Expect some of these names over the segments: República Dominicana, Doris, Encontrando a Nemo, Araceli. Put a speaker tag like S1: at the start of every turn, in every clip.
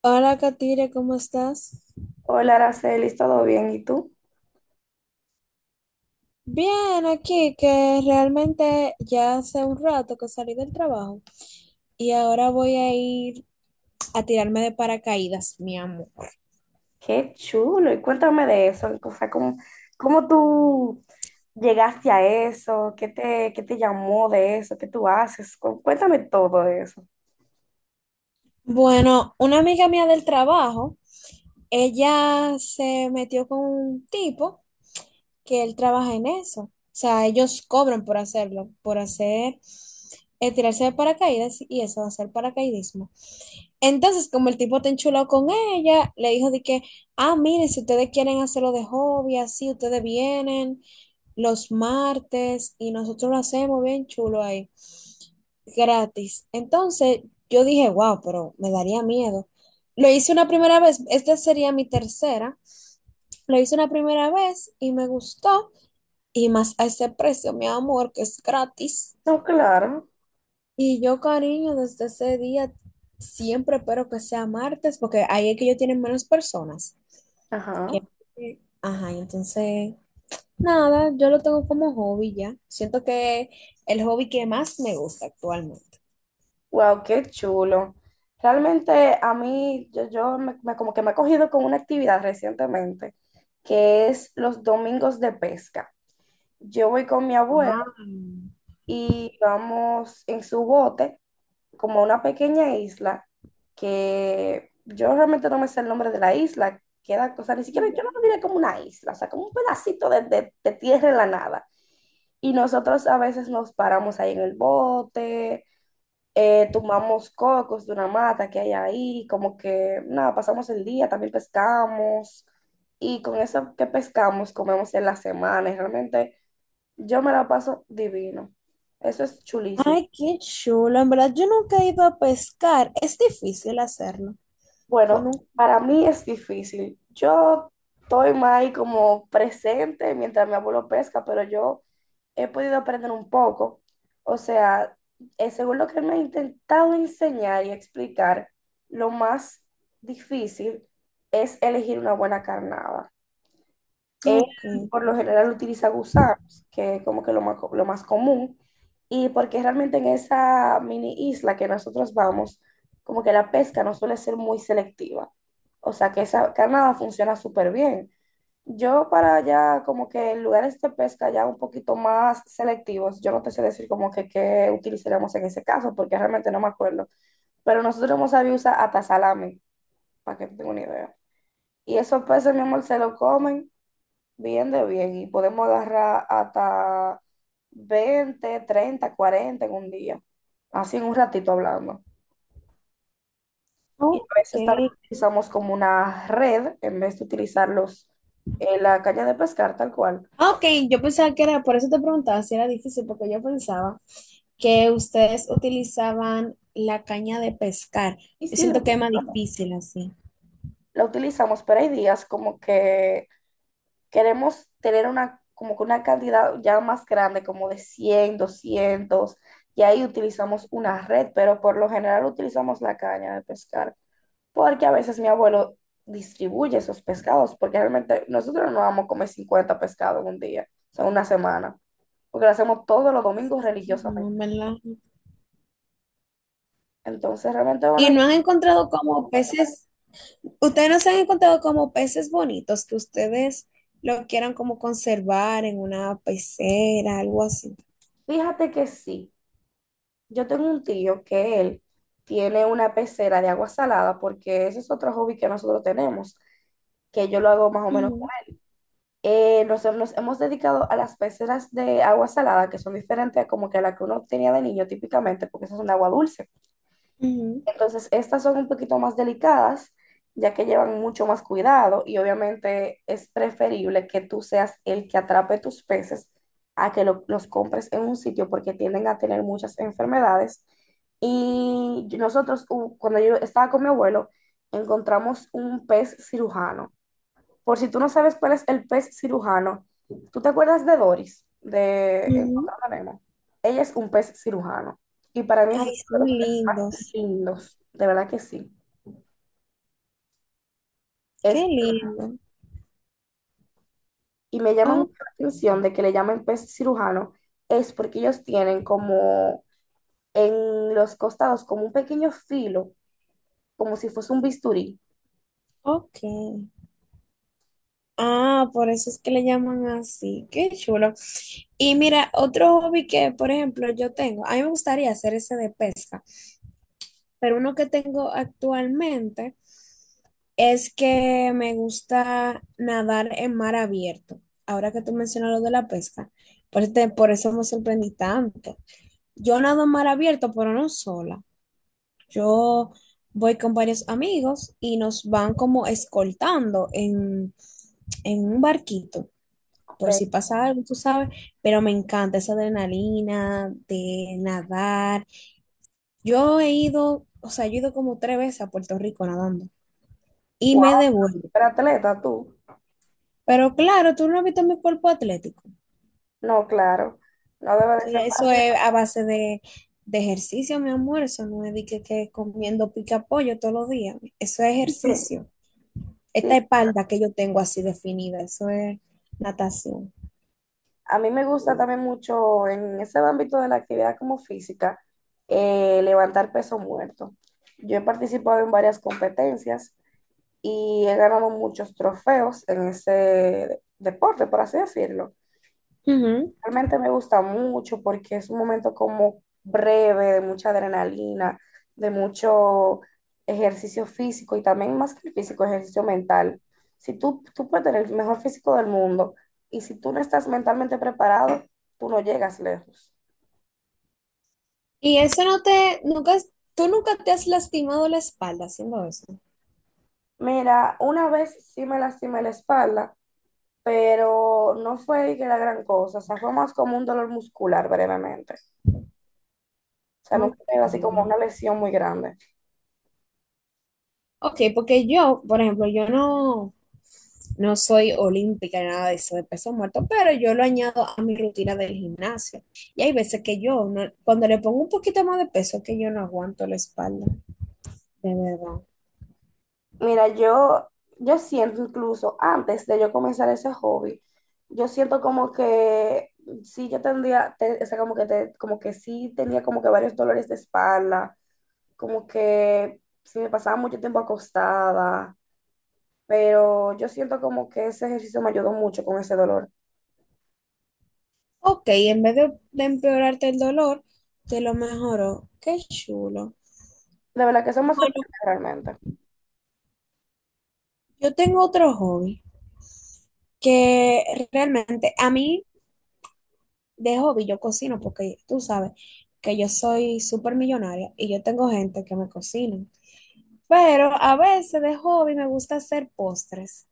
S1: Hola, Katire, ¿cómo estás?
S2: Hola, Araceli, ¿todo bien? ¿Y tú?
S1: Bien, aquí que realmente ya hace un rato que salí del trabajo y ahora voy a ir a tirarme de paracaídas, mi amor.
S2: Qué chulo. Y cuéntame de eso. O sea, ¿cómo, cómo tú llegaste a eso? Qué te llamó de eso? ¿Qué tú haces? Cuéntame todo de eso.
S1: Bueno, una amiga mía del trabajo, ella se metió con un tipo que él trabaja en eso. O sea, ellos cobran por hacerlo, por hacer, tirarse de paracaídas y eso, hacer paracaidismo. Entonces, como el tipo te enchuló con ella, le dijo de que, ah, miren, si ustedes quieren hacerlo de hobby, así, ustedes vienen los martes y nosotros lo hacemos bien chulo ahí, gratis. Entonces, yo dije, wow, pero me daría miedo. Lo hice una primera vez, esta sería mi tercera. Lo hice una primera vez y me gustó, y más a ese precio, mi amor, que es gratis.
S2: No, claro.
S1: Y yo, cariño, desde ese día siempre espero que sea martes, porque ahí es que ellos tienen menos personas.
S2: Ajá.
S1: que- Ajá, y entonces, nada, yo lo tengo como hobby ya. Siento que el hobby que más me gusta actualmente.
S2: Wow, qué chulo. Realmente a mí, como que me he cogido con una actividad recientemente, que es los domingos de pesca. Yo voy con mi abuelo
S1: Wow.
S2: y vamos en su bote como a una pequeña isla que yo realmente no me sé el nombre de la isla, queda, o sea, ni siquiera yo no lo diré como una isla, o sea, como un pedacito de, de tierra en la nada. Y nosotros a veces nos paramos ahí en el bote, tomamos cocos de una mata que hay ahí, como que nada, pasamos el día, también pescamos. Y con eso que pescamos, comemos en la semana. Y realmente yo me la paso divino. Eso es chulísimo.
S1: Ay, qué chulo. En verdad, yo nunca he ido a pescar. Es difícil hacerlo. Pues no.
S2: Bueno, para mí es difícil. Yo estoy más ahí como presente mientras mi abuelo pesca, pero yo he podido aprender un poco. O sea, según lo que él me ha intentado enseñar y explicar, lo más difícil es elegir una buena carnada. Él
S1: Ok.
S2: por lo general utiliza gusanos, que es como que lo más, lo más común, y porque realmente en esa mini isla que nosotros vamos, como que la pesca no suele ser muy selectiva. O sea que esa carnada funciona súper bien. Yo para allá, como que en lugares de pesca ya un poquito más selectivos, yo no te sé decir como que qué utilizaríamos en ese caso, porque realmente no me acuerdo. Pero nosotros hemos sabido usar hasta salami, para que tenga una idea. Y esos peces, mi amor, se lo comen. Bien de bien. Y podemos agarrar hasta 20, 30, 40 en un día. Así en un ratito hablando. Y a
S1: Ok.
S2: veces también utilizamos como una red en vez de utilizar los, la caña de pescar tal cual.
S1: Ah, ok, yo pensaba que era, por eso te preguntaba si era difícil, porque yo pensaba que ustedes utilizaban la caña de pescar.
S2: Y
S1: Yo
S2: sí, la
S1: siento que es más
S2: utilizamos.
S1: difícil así.
S2: La utilizamos, pero hay días como que queremos tener una, como que una cantidad ya más grande, como de 100, 200. Y ahí utilizamos una red, pero por lo general utilizamos la caña de pescar, porque a veces mi abuelo distribuye esos pescados, porque realmente nosotros no vamos a comer 50 pescados en un día, o sea, una semana, porque lo hacemos todos los domingos
S1: No,
S2: religiosamente.
S1: ¿en verdad?
S2: Entonces, realmente,
S1: Y
S2: bueno,
S1: no han encontrado como peces, ustedes no se han encontrado como peces bonitos que ustedes lo quieran como conservar en una pecera, algo así.
S2: fíjate que sí, yo tengo un tío que él tiene una pecera de agua salada, porque ese es otro hobby que nosotros tenemos, que yo lo hago más o menos.
S1: Ujú,
S2: Nosotros nos hemos dedicado a las peceras de agua salada, que son diferentes a como que a la que uno tenía de niño típicamente, porque esas son de agua dulce. Entonces, estas son un poquito más delicadas, ya que llevan mucho más cuidado y obviamente es preferible que tú seas el que atrape tus peces a que los compres en un sitio porque tienden a tener muchas enfermedades. Y nosotros, cuando yo estaba con mi abuelo, encontramos un pez cirujano. Por si tú no sabes cuál es el pez cirujano, ¿tú te acuerdas de Doris, de
S1: ujú, ujú.
S2: Encontrando a Nemo? Ella es un pez cirujano. Y para mí es uno
S1: Ay,
S2: de
S1: son
S2: los peces más
S1: lindos.
S2: lindos, de verdad que sí. Es,
S1: Qué lindo.
S2: y me llama
S1: Oh,
S2: mucho la atención de que le llamen pez cirujano, es porque ellos tienen como en los costados, como un pequeño filo, como si fuese un bisturí.
S1: ok. Ah, por eso es que le llaman así. Qué chulo. Y mira, otro hobby que, por ejemplo, yo tengo, a mí me gustaría hacer ese de pesca, pero uno que tengo actualmente es que me gusta nadar en mar abierto. Ahora que tú mencionas lo de la pesca, por eso me sorprendí tanto. Yo nado en mar abierto, pero no sola. Yo voy con varios amigos y nos van como escoltando en un barquito,
S2: Ok.
S1: por si pasa algo, tú sabes, pero me encanta esa adrenalina de nadar. Yo he ido, o sea, yo he ido como tres veces a Puerto Rico nadando y
S2: Wow,
S1: me devuelvo.
S2: pero atleta tú.
S1: Pero claro, tú no has visto mi cuerpo atlético.
S2: No, claro. No debe de ser
S1: Eso
S2: fácil.
S1: es a base de ejercicio, mi amor. Eso no es que comiendo pica pollo todos los días. Eso es ejercicio.
S2: Sí,
S1: Esta espalda que yo tengo así definida, eso es natación.
S2: a mí me gusta también mucho en ese ámbito de la actividad como física, levantar peso muerto. Yo he participado en varias competencias y he ganado muchos trofeos en ese deporte, por así decirlo.
S1: Ujú.
S2: Realmente me gusta mucho porque es un momento como breve, de mucha adrenalina, de mucho ejercicio físico y también más que el físico, ejercicio mental. Si tú puedes tener el mejor físico del mundo y si tú no estás mentalmente preparado, tú no llegas lejos.
S1: Y eso no te, nunca, tú nunca te has lastimado la espalda haciendo eso.
S2: Mira, una vez sí me lastimé la espalda, pero no fue de que la gran cosa, o sea, fue más como un dolor muscular brevemente. O sea, nunca
S1: Ok,
S2: fue así como una lesión muy grande.
S1: ok, porque yo, por ejemplo, yo no, no soy olímpica ni nada de eso, de peso muerto, pero yo lo añado a mi rutina del gimnasio. Y hay veces que yo, no- cuando le pongo un poquito más de peso, que yo no aguanto la espalda, de verdad.
S2: Mira, yo, yo siento incluso antes de yo comenzar ese hobby, yo siento como que sí yo tendría, o sea, como que sí tenía como que varios dolores de espalda, como que sí me pasaba mucho tiempo acostada, pero yo siento como que ese ejercicio me ayudó mucho con ese dolor.
S1: Ok, en vez de empeorarte el dolor, te lo mejoró. Qué chulo.
S2: De verdad que eso me
S1: Bueno,
S2: sorprende realmente.
S1: yo tengo otro hobby que realmente a mí de hobby yo cocino porque tú sabes que yo soy súper millonaria y yo tengo gente que me cocina. Pero a veces de hobby me gusta hacer postres.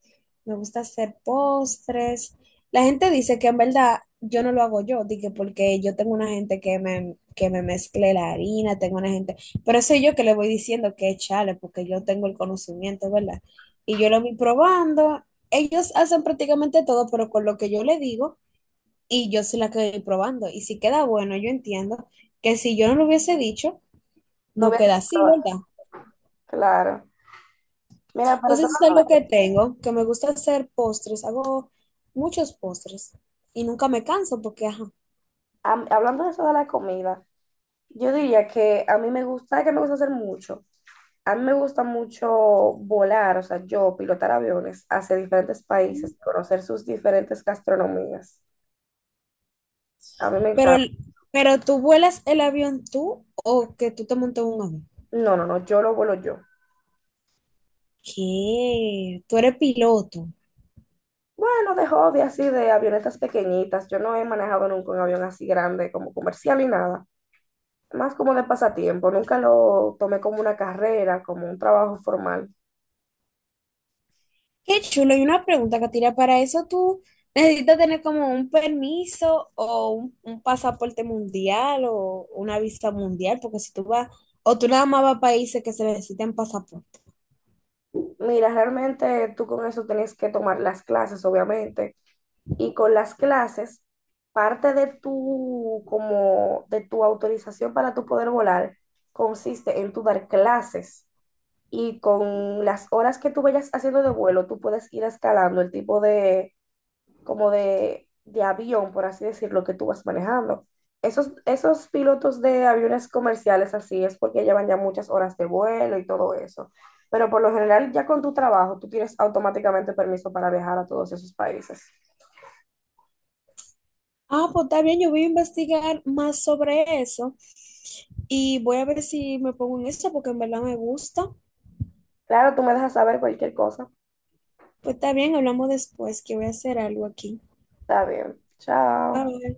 S1: Me gusta hacer postres. La gente dice que en verdad yo no lo hago yo, di que porque yo tengo una gente que me mezcle la harina, tengo una gente, pero soy yo que le voy diciendo que echarle porque yo tengo el conocimiento, ¿verdad? Y yo lo voy probando. Ellos hacen prácticamente todo, pero con lo que yo le digo y yo soy la que probando. Y si queda bueno, yo entiendo que si yo no lo hubiese dicho,
S2: No
S1: no
S2: voy
S1: queda
S2: a,
S1: así, ¿verdad?
S2: claro. Mira, pero otro
S1: Entonces es
S2: lado,
S1: algo que tengo, que me gusta hacer postres, hago muchos postres y nunca me canso porque, ajá.
S2: hablando de eso de la comida, yo diría que a mí me gusta, que me gusta hacer mucho. A mí me gusta mucho volar, o sea, yo pilotar aviones hacia diferentes países, conocer sus diferentes gastronomías. A mí me
S1: Pero,
S2: encanta.
S1: pero tú vuelas el avión tú o que tú te montas en un avión.
S2: No, no, no, yo lo vuelo yo.
S1: ¿Qué? Tú eres piloto.
S2: Bueno, de hobby así, de avionetas pequeñitas. Yo no he manejado nunca un avión así grande como comercial ni nada. Más como de pasatiempo. Nunca lo tomé como una carrera, como un trabajo formal.
S1: Qué chulo. Y una pregunta, Katiria, ¿para eso tú necesitas tener como un permiso un pasaporte mundial o una visa mundial? Porque si tú vas, o tú nada más vas a países que se necesitan pasaporte.
S2: Mira, realmente tú con eso tenías que tomar las clases, obviamente, y con las clases, parte de tu, como, de tu autorización para tu poder volar consiste en tu dar clases y con las horas que tú vayas haciendo de vuelo, tú puedes ir escalando el tipo de, como de avión, por así decirlo, que tú vas manejando. Esos pilotos de aviones comerciales así es porque llevan ya muchas horas de vuelo y todo eso. Pero por lo general, ya con tu trabajo, tú tienes automáticamente permiso para viajar a todos esos países.
S1: Ah, pues está bien, yo voy a investigar más sobre eso y voy a ver si me pongo en esto porque en verdad me gusta.
S2: Claro, tú me dejas saber cualquier cosa.
S1: Pues está bien, hablamos después, que voy a hacer algo aquí.
S2: Está bien. Chao.
S1: Bye.